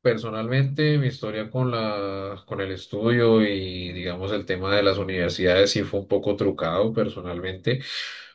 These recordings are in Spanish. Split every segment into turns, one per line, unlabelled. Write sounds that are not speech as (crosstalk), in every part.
Personalmente, mi historia con la, con el estudio y, digamos, el tema de las universidades sí fue un poco trucado personalmente,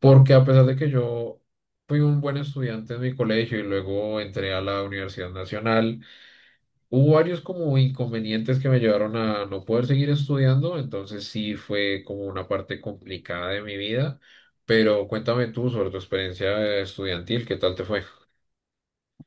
porque a pesar de que yo fui un buen estudiante en mi colegio y luego entré a la Universidad Nacional, hubo varios como inconvenientes que me llevaron a no poder seguir estudiando, entonces sí fue como una parte complicada de mi vida, pero cuéntame tú sobre tu experiencia estudiantil, ¿qué tal te fue?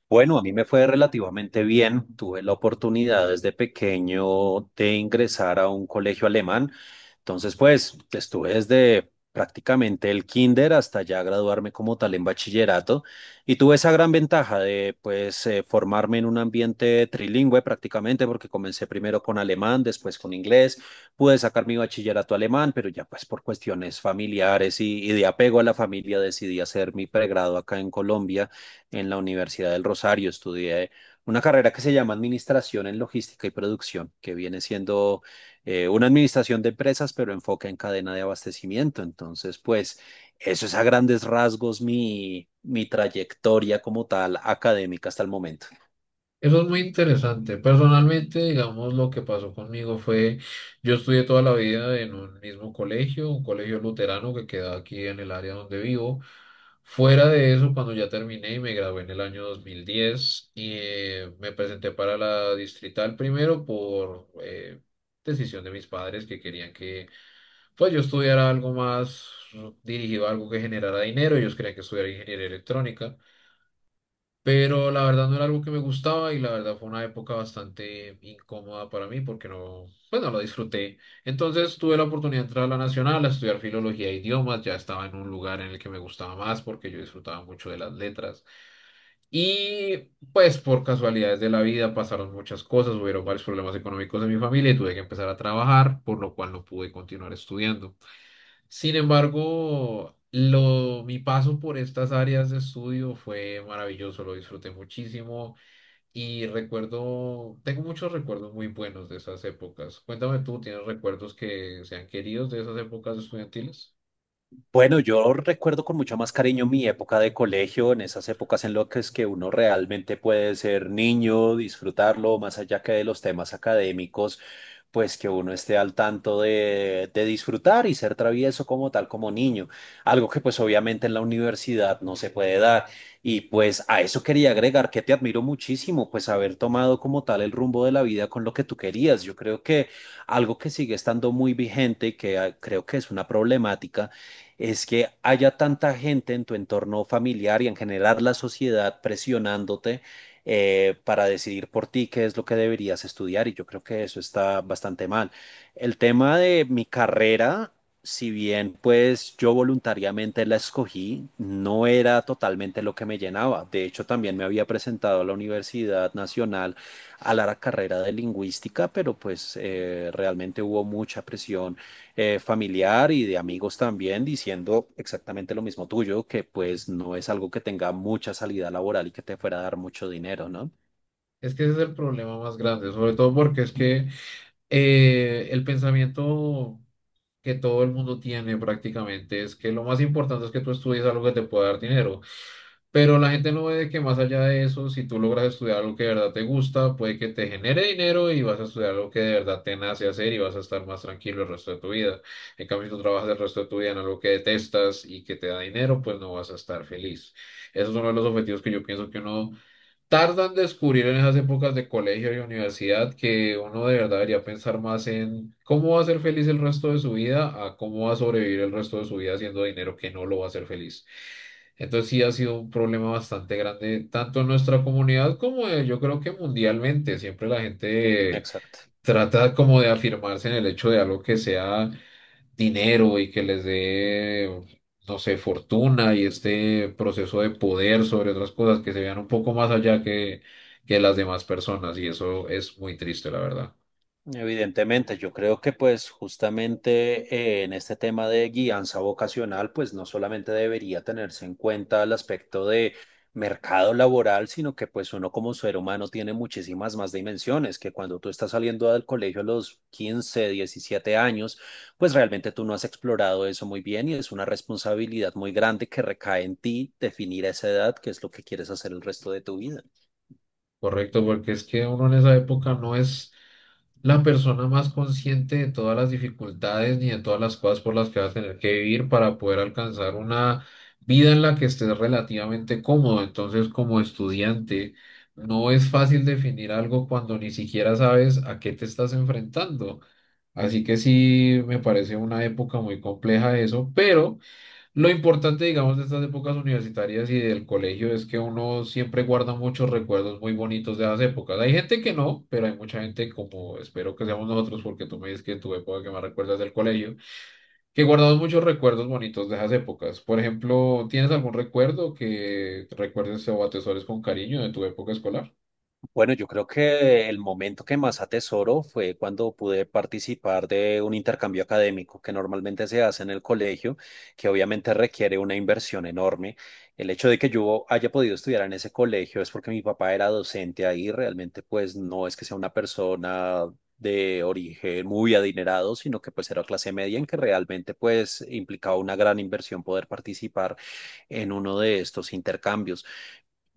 Bueno, a mí me fue relativamente bien. Tuve la oportunidad desde pequeño de ingresar a un colegio alemán. Entonces, pues, estuve desde prácticamente el kinder hasta ya graduarme como tal en bachillerato y tuve esa gran ventaja de, pues, formarme en un ambiente trilingüe prácticamente porque comencé primero con alemán, después con inglés. Pude sacar mi bachillerato alemán, pero ya pues por cuestiones familiares y de apego a la familia decidí hacer mi pregrado acá en Colombia en la Universidad del Rosario. Estudié una carrera que se llama Administración en Logística y Producción, que viene siendo una administración de empresas, pero enfoca en cadena de abastecimiento. Entonces, pues eso es a grandes rasgos mi trayectoria como tal académica hasta el momento.
Eso es muy interesante. Personalmente, digamos, lo que pasó conmigo fue, yo estudié toda la vida en un mismo colegio, un colegio luterano que queda aquí en el área donde vivo. Fuera de eso, cuando ya terminé y me gradué en el año 2010 y me presenté para la distrital primero por decisión de mis padres que querían que pues yo estudiara algo más dirigido a algo que generara dinero. Ellos querían que estudiara ingeniería electrónica. Pero la verdad no era algo que me gustaba y la verdad fue una época bastante incómoda para mí porque no, pues no lo disfruté. Entonces tuve la oportunidad de entrar a la Nacional a estudiar filología e idiomas. Ya estaba en un lugar en el que me gustaba más porque yo disfrutaba mucho de las letras. Y pues por casualidades de la vida pasaron muchas cosas, hubieron varios problemas económicos en mi familia y tuve que empezar a trabajar, por lo cual no pude continuar estudiando. Sin embargo, mi paso por estas áreas de estudio fue maravilloso, lo disfruté muchísimo y tengo muchos recuerdos muy buenos de esas épocas. Cuéntame tú, ¿tienes recuerdos que sean queridos de esas épocas estudiantiles?
Bueno, yo recuerdo con mucho más cariño mi época de colegio, en esas épocas en las que es que uno realmente puede ser niño, disfrutarlo, más allá que de los temas académicos, pues que uno esté al tanto de disfrutar y ser travieso como tal, como niño, algo que pues obviamente en la universidad no se puede dar. Y pues a eso quería agregar que te admiro muchísimo, pues haber tomado como tal el rumbo de la vida con lo que tú querías. Yo creo que algo que sigue estando muy vigente y que creo que es una problemática es que haya tanta gente en tu entorno familiar y en general la sociedad presionándote para decidir por ti qué es lo que deberías estudiar y yo creo que eso está bastante mal. El tema de mi carrera, si bien pues yo voluntariamente la escogí, no era totalmente lo que me llenaba. De hecho, también me había presentado a la Universidad Nacional a la carrera de lingüística, pero pues realmente hubo mucha presión familiar y de amigos también diciendo exactamente lo mismo tuyo, que pues no es algo que tenga mucha salida laboral y que te fuera a dar mucho dinero, ¿no?
Es que ese es el problema más grande, sobre todo porque es que el pensamiento que todo el mundo tiene prácticamente es que lo más importante es que tú estudies algo que te pueda dar dinero. Pero la gente no ve que más allá de eso, si tú logras estudiar algo que de verdad te gusta, puede que te genere dinero y vas a estudiar algo que de verdad te nace hacer y vas a estar más tranquilo el resto de tu vida. En cambio, si tú trabajas el resto de tu vida en algo que detestas y que te da dinero, pues no vas a estar feliz. Esos son los objetivos que yo pienso que uno tardan en descubrir en esas épocas de colegio y universidad que uno de verdad debería pensar más en cómo va a ser feliz el resto de su vida a cómo va a sobrevivir el resto de su vida haciendo dinero que no lo va a hacer feliz. Entonces sí ha sido un problema bastante grande, tanto en nuestra comunidad como yo creo que mundialmente. Siempre la gente
Exacto.
trata como de afirmarse en el hecho de algo que sea dinero y que les dé, no sé, fortuna y este proceso de poder sobre otras cosas que se vean un poco más allá que las demás personas y eso es muy triste, la verdad.
Evidentemente, yo creo que pues justamente en este tema de guianza vocacional, pues no solamente debería tenerse en cuenta el aspecto de mercado laboral, sino que pues uno como ser humano tiene muchísimas más dimensiones, que cuando tú estás saliendo del colegio a los 15, 17 años, pues realmente tú no has explorado eso muy bien y es una responsabilidad muy grande que recae en ti definir a esa edad, qué es lo que quieres hacer el resto de tu vida.
Correcto, porque es que uno en esa época no es la persona más consciente de todas las dificultades ni de todas las cosas por las que vas a tener que vivir para poder alcanzar una vida en la que estés relativamente cómodo. Entonces, como estudiante, no es fácil definir algo cuando ni siquiera sabes a qué te estás enfrentando. Así que sí, me parece una época muy compleja eso, pero... Lo importante, digamos, de estas épocas universitarias y del colegio es que uno siempre guarda muchos recuerdos muy bonitos de esas épocas. Hay gente que no, pero hay mucha gente, como espero que seamos nosotros, porque tú me dices que en tu época que más recuerdas del colegio, que guardamos muchos recuerdos bonitos de esas épocas. Por ejemplo, ¿tienes algún recuerdo que recuerdes o atesores con cariño de tu época escolar?
Bueno, yo creo que el momento que más atesoro fue cuando pude participar de un intercambio académico que normalmente se hace en el colegio, que obviamente requiere una inversión enorme. El hecho de que yo haya podido estudiar en ese colegio es porque mi papá era docente ahí, realmente pues no es que sea una persona de origen muy adinerado, sino que pues era clase media en que realmente pues implicaba una gran inversión poder participar en uno de estos intercambios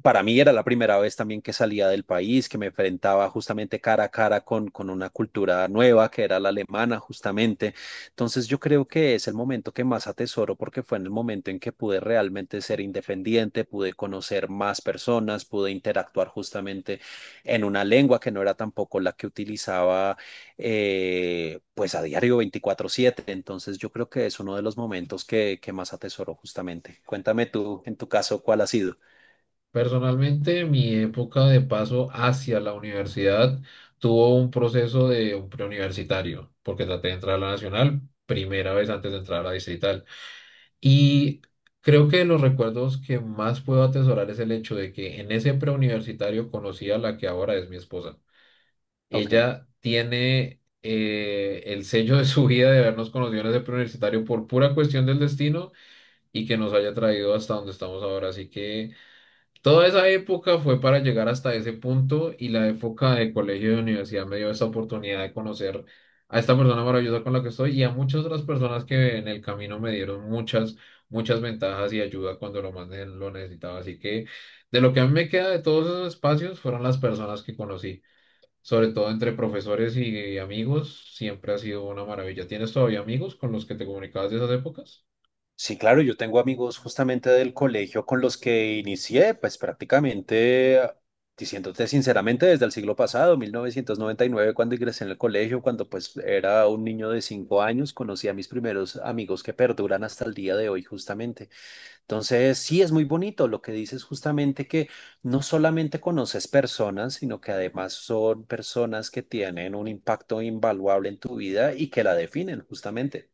para mí era la primera vez también que salía del país, que me enfrentaba justamente cara a cara con una cultura nueva, que era la alemana, justamente. Entonces yo creo que es el momento que más atesoro porque fue en el momento en que pude realmente ser independiente, pude conocer más personas, pude interactuar justamente en una lengua que no era tampoco la que utilizaba pues a diario 24/7. Entonces yo creo que es uno de los momentos que más atesoro justamente. Cuéntame tú, en tu caso, ¿cuál ha sido?
Personalmente, mi época de paso hacia la universidad tuvo un proceso de un preuniversitario, porque traté de entrar a la nacional primera vez antes de entrar a la distrital. Y creo que los recuerdos que más puedo atesorar es el hecho de que en ese preuniversitario conocí a la que ahora es mi esposa.
Ok.
Ella tiene el sello de su vida de habernos conocido en ese preuniversitario por pura cuestión del destino y que nos haya traído hasta donde estamos ahora. Así que... Toda esa época fue para llegar hasta ese punto y la época de colegio y de universidad me dio esa oportunidad de conocer a esta persona maravillosa con la que estoy y a muchas otras personas que en el camino me dieron muchas, muchas ventajas y ayuda cuando lo más lo necesitaba. Así que de lo que a mí me queda de todos esos espacios fueron las personas que conocí, sobre todo entre profesores y amigos, siempre ha sido una maravilla. ¿Tienes todavía amigos con los que te comunicabas de esas épocas?
Sí, claro, yo tengo amigos justamente del colegio con los que inicié, pues prácticamente, diciéndote sinceramente, desde el siglo pasado, 1999, cuando ingresé en el colegio, cuando pues era un niño de 5 años, conocí a mis primeros amigos que perduran hasta el día de hoy justamente. Entonces, sí, es muy bonito lo que dices justamente que no solamente conoces personas, sino que además son personas que tienen un impacto invaluable en tu vida y que la definen justamente,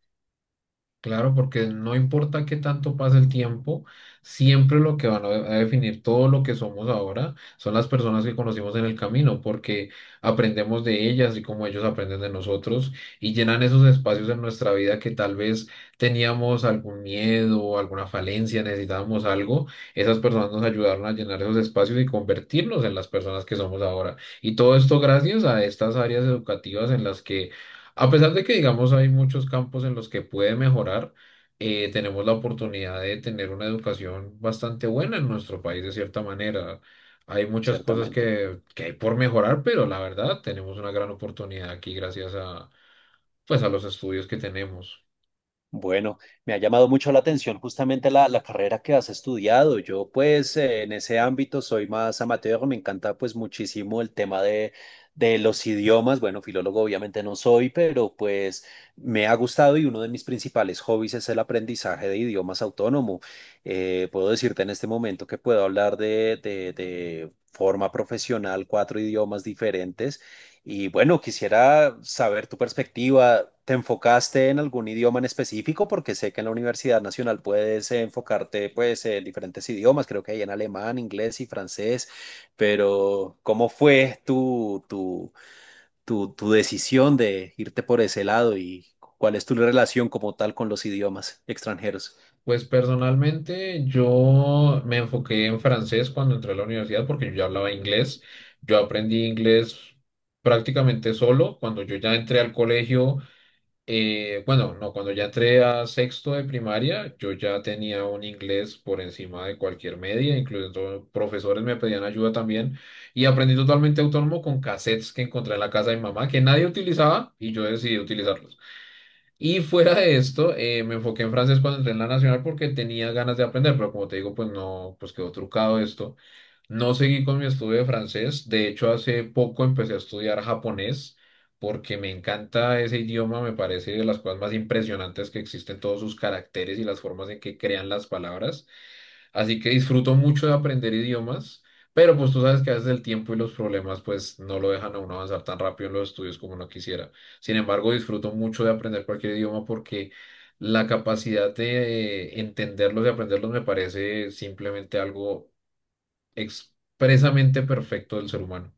Claro, porque no importa qué tanto pase el tiempo, siempre lo que van a definir todo lo que somos ahora son las personas que conocimos en el camino, porque aprendemos de ellas y como ellos aprenden de nosotros y llenan esos espacios en nuestra vida que tal vez teníamos algún miedo, alguna falencia, necesitábamos algo. Esas personas nos ayudaron a llenar esos espacios y convertirnos en las personas que somos ahora. Y todo esto gracias a estas áreas educativas en las que a pesar de que, digamos, hay muchos campos en los que puede mejorar, tenemos la oportunidad de tener una educación bastante buena en nuestro país, de cierta manera. Hay muchas cosas
ciertamente.
que hay por mejorar, pero la verdad, tenemos una gran oportunidad aquí gracias a, pues, a los estudios que tenemos.
Bueno, me ha llamado mucho la atención justamente la carrera que has estudiado. Yo pues en ese ámbito soy más amateur, me encanta pues muchísimo el tema de los idiomas. Bueno, filólogo obviamente no soy, pero pues me ha gustado y uno de mis principales hobbies es el aprendizaje de idiomas autónomo. Puedo decirte en este momento que puedo hablar de forma profesional cuatro idiomas diferentes. Y bueno, quisiera saber tu perspectiva. ¿Te enfocaste en algún idioma en específico? Porque sé que en la Universidad Nacional puedes enfocarte pues en diferentes idiomas, creo que hay en alemán, inglés y francés, pero ¿cómo fue tu decisión de irte por ese lado y cuál es tu relación como tal con los idiomas extranjeros?
Pues personalmente yo me enfoqué en francés cuando entré a la universidad porque yo ya hablaba inglés. Yo aprendí inglés prácticamente solo. Cuando yo ya entré al colegio, bueno, no, cuando ya entré a sexto de primaria, yo ya tenía un inglés por encima de cualquier media, incluso profesores me pedían ayuda también, y aprendí totalmente autónomo con cassettes que encontré en la casa de mi mamá, que nadie utilizaba, y yo decidí utilizarlos. Y (laughs) fuera de esto, me enfoqué en francés cuando entré en la nacional porque tenía ganas de aprender, pero como te digo, pues no, pues quedó trucado esto. No seguí con mi estudio de francés, de hecho hace poco empecé a estudiar japonés porque me encanta ese idioma, me parece de las cosas más impresionantes que existen todos sus caracteres y las formas en que crean las palabras, así que disfruto mucho de aprender idiomas, pero pues tú sabes que a veces el tiempo y los problemas pues no lo dejan a uno avanzar tan rápido en los estudios como uno quisiera. Sin embargo, disfruto mucho de aprender cualquier idioma porque la capacidad de entenderlos y aprenderlos me parece simplemente algo expresamente perfecto del ser humano.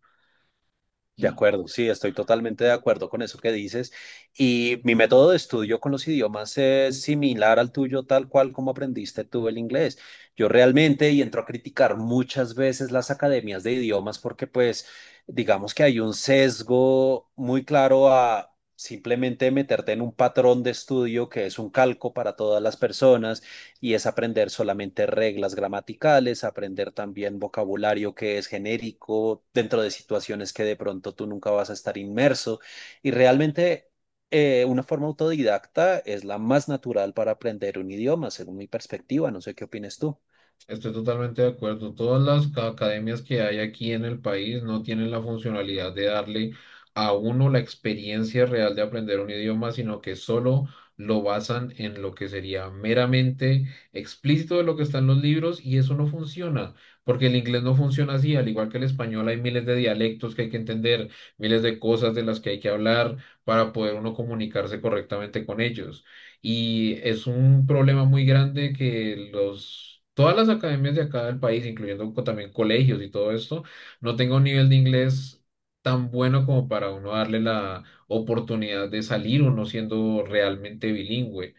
De acuerdo, sí, estoy totalmente de acuerdo con eso que dices. Y mi método de estudio con los idiomas es similar al tuyo, tal cual como aprendiste tú el inglés. Yo realmente, y entro a criticar muchas veces las academias de idiomas porque pues digamos que hay un sesgo muy claro a simplemente meterte en un patrón de estudio que es un calco para todas las personas y es aprender solamente reglas gramaticales, aprender también vocabulario que es genérico dentro de situaciones que de pronto tú nunca vas a estar inmerso y realmente... una forma autodidacta es la más natural para aprender un idioma, según mi perspectiva. No sé qué opinas tú.
Estoy totalmente de acuerdo. Todas las academias que hay aquí en el país no tienen la funcionalidad de darle a uno la experiencia real de aprender un idioma, sino que solo lo basan en lo que sería meramente explícito de lo que está en los libros y eso no funciona, porque el inglés no funciona así, al igual que el español hay miles de dialectos que hay que entender, miles de cosas de las que hay que hablar para poder uno comunicarse correctamente con ellos. Y es un problema muy grande que todas las academias de acá del país, incluyendo también colegios y todo esto, no tengan un nivel de inglés tan bueno como para uno darle la oportunidad de salir uno siendo realmente bilingüe.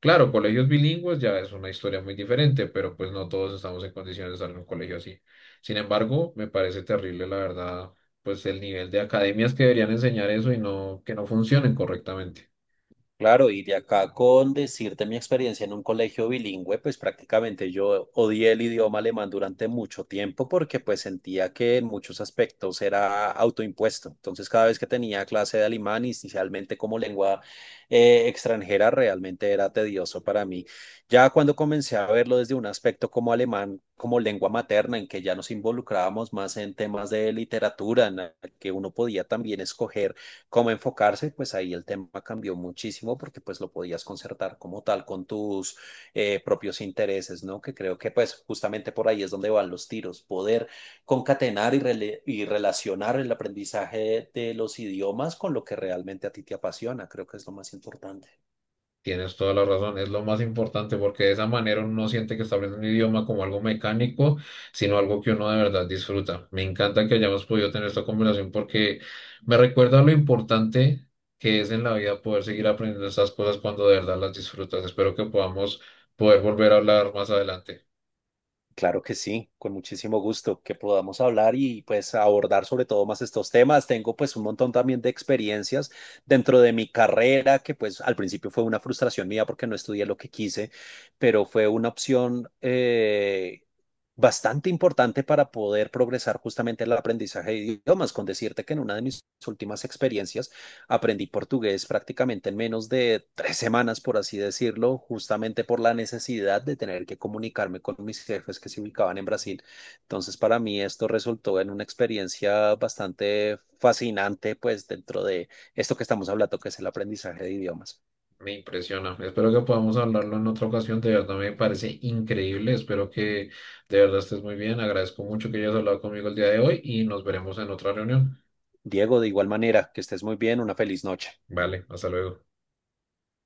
Claro, colegios bilingües ya es una historia muy diferente, pero pues no todos estamos en condiciones de salir a un colegio así. Sin embargo, me parece terrible, la verdad, pues el nivel de academias que deberían enseñar eso y no, que no funcionen correctamente.
Claro, y de acá con decirte mi experiencia en un colegio bilingüe, pues prácticamente yo odié el idioma alemán durante mucho tiempo porque pues sentía que en muchos aspectos era autoimpuesto. Entonces cada vez que tenía clase de alemán, inicialmente como lengua extranjera, realmente era tedioso para mí. Ya cuando comencé a verlo desde un aspecto como alemán, como lengua materna, en que ya nos involucrábamos más en temas de literatura, en la que uno podía también escoger cómo enfocarse, pues ahí el tema cambió muchísimo porque pues lo podías concertar como tal con tus propios intereses, ¿no? Que creo que pues justamente por ahí es donde van los tiros, poder concatenar y relacionar el aprendizaje de los idiomas con lo que realmente a ti te apasiona, creo que es lo más importante.
Tienes toda la razón, es lo más importante porque de esa manera uno no siente que está aprendiendo un idioma como algo mecánico, sino algo que uno de verdad disfruta. Me encanta que hayamos podido tener esta conversación porque me recuerda lo importante que es en la vida poder seguir aprendiendo estas cosas cuando de verdad las disfrutas. Espero que podamos poder volver a hablar más adelante.
Claro que sí, con muchísimo gusto que podamos hablar y pues abordar sobre todo más estos temas. Tengo pues un montón también de experiencias dentro de mi carrera que pues al principio fue una frustración mía porque no estudié lo que quise, pero fue una opción bastante importante para poder progresar justamente en el aprendizaje de idiomas, con decirte que en una de mis últimas experiencias aprendí portugués prácticamente en menos de 3 semanas, por así decirlo, justamente por la necesidad de tener que comunicarme con mis jefes que se ubicaban en Brasil. Entonces, para mí esto resultó en una experiencia bastante fascinante, pues dentro de esto que estamos hablando, que es el aprendizaje de idiomas.
Me impresiona. Espero que podamos hablarlo en otra ocasión. De verdad me parece increíble. Espero que de verdad estés muy bien. Agradezco mucho que hayas hablado conmigo el día de hoy y nos veremos en otra reunión.
Diego, de igual manera, que estés muy bien, una feliz noche.
Vale, hasta luego.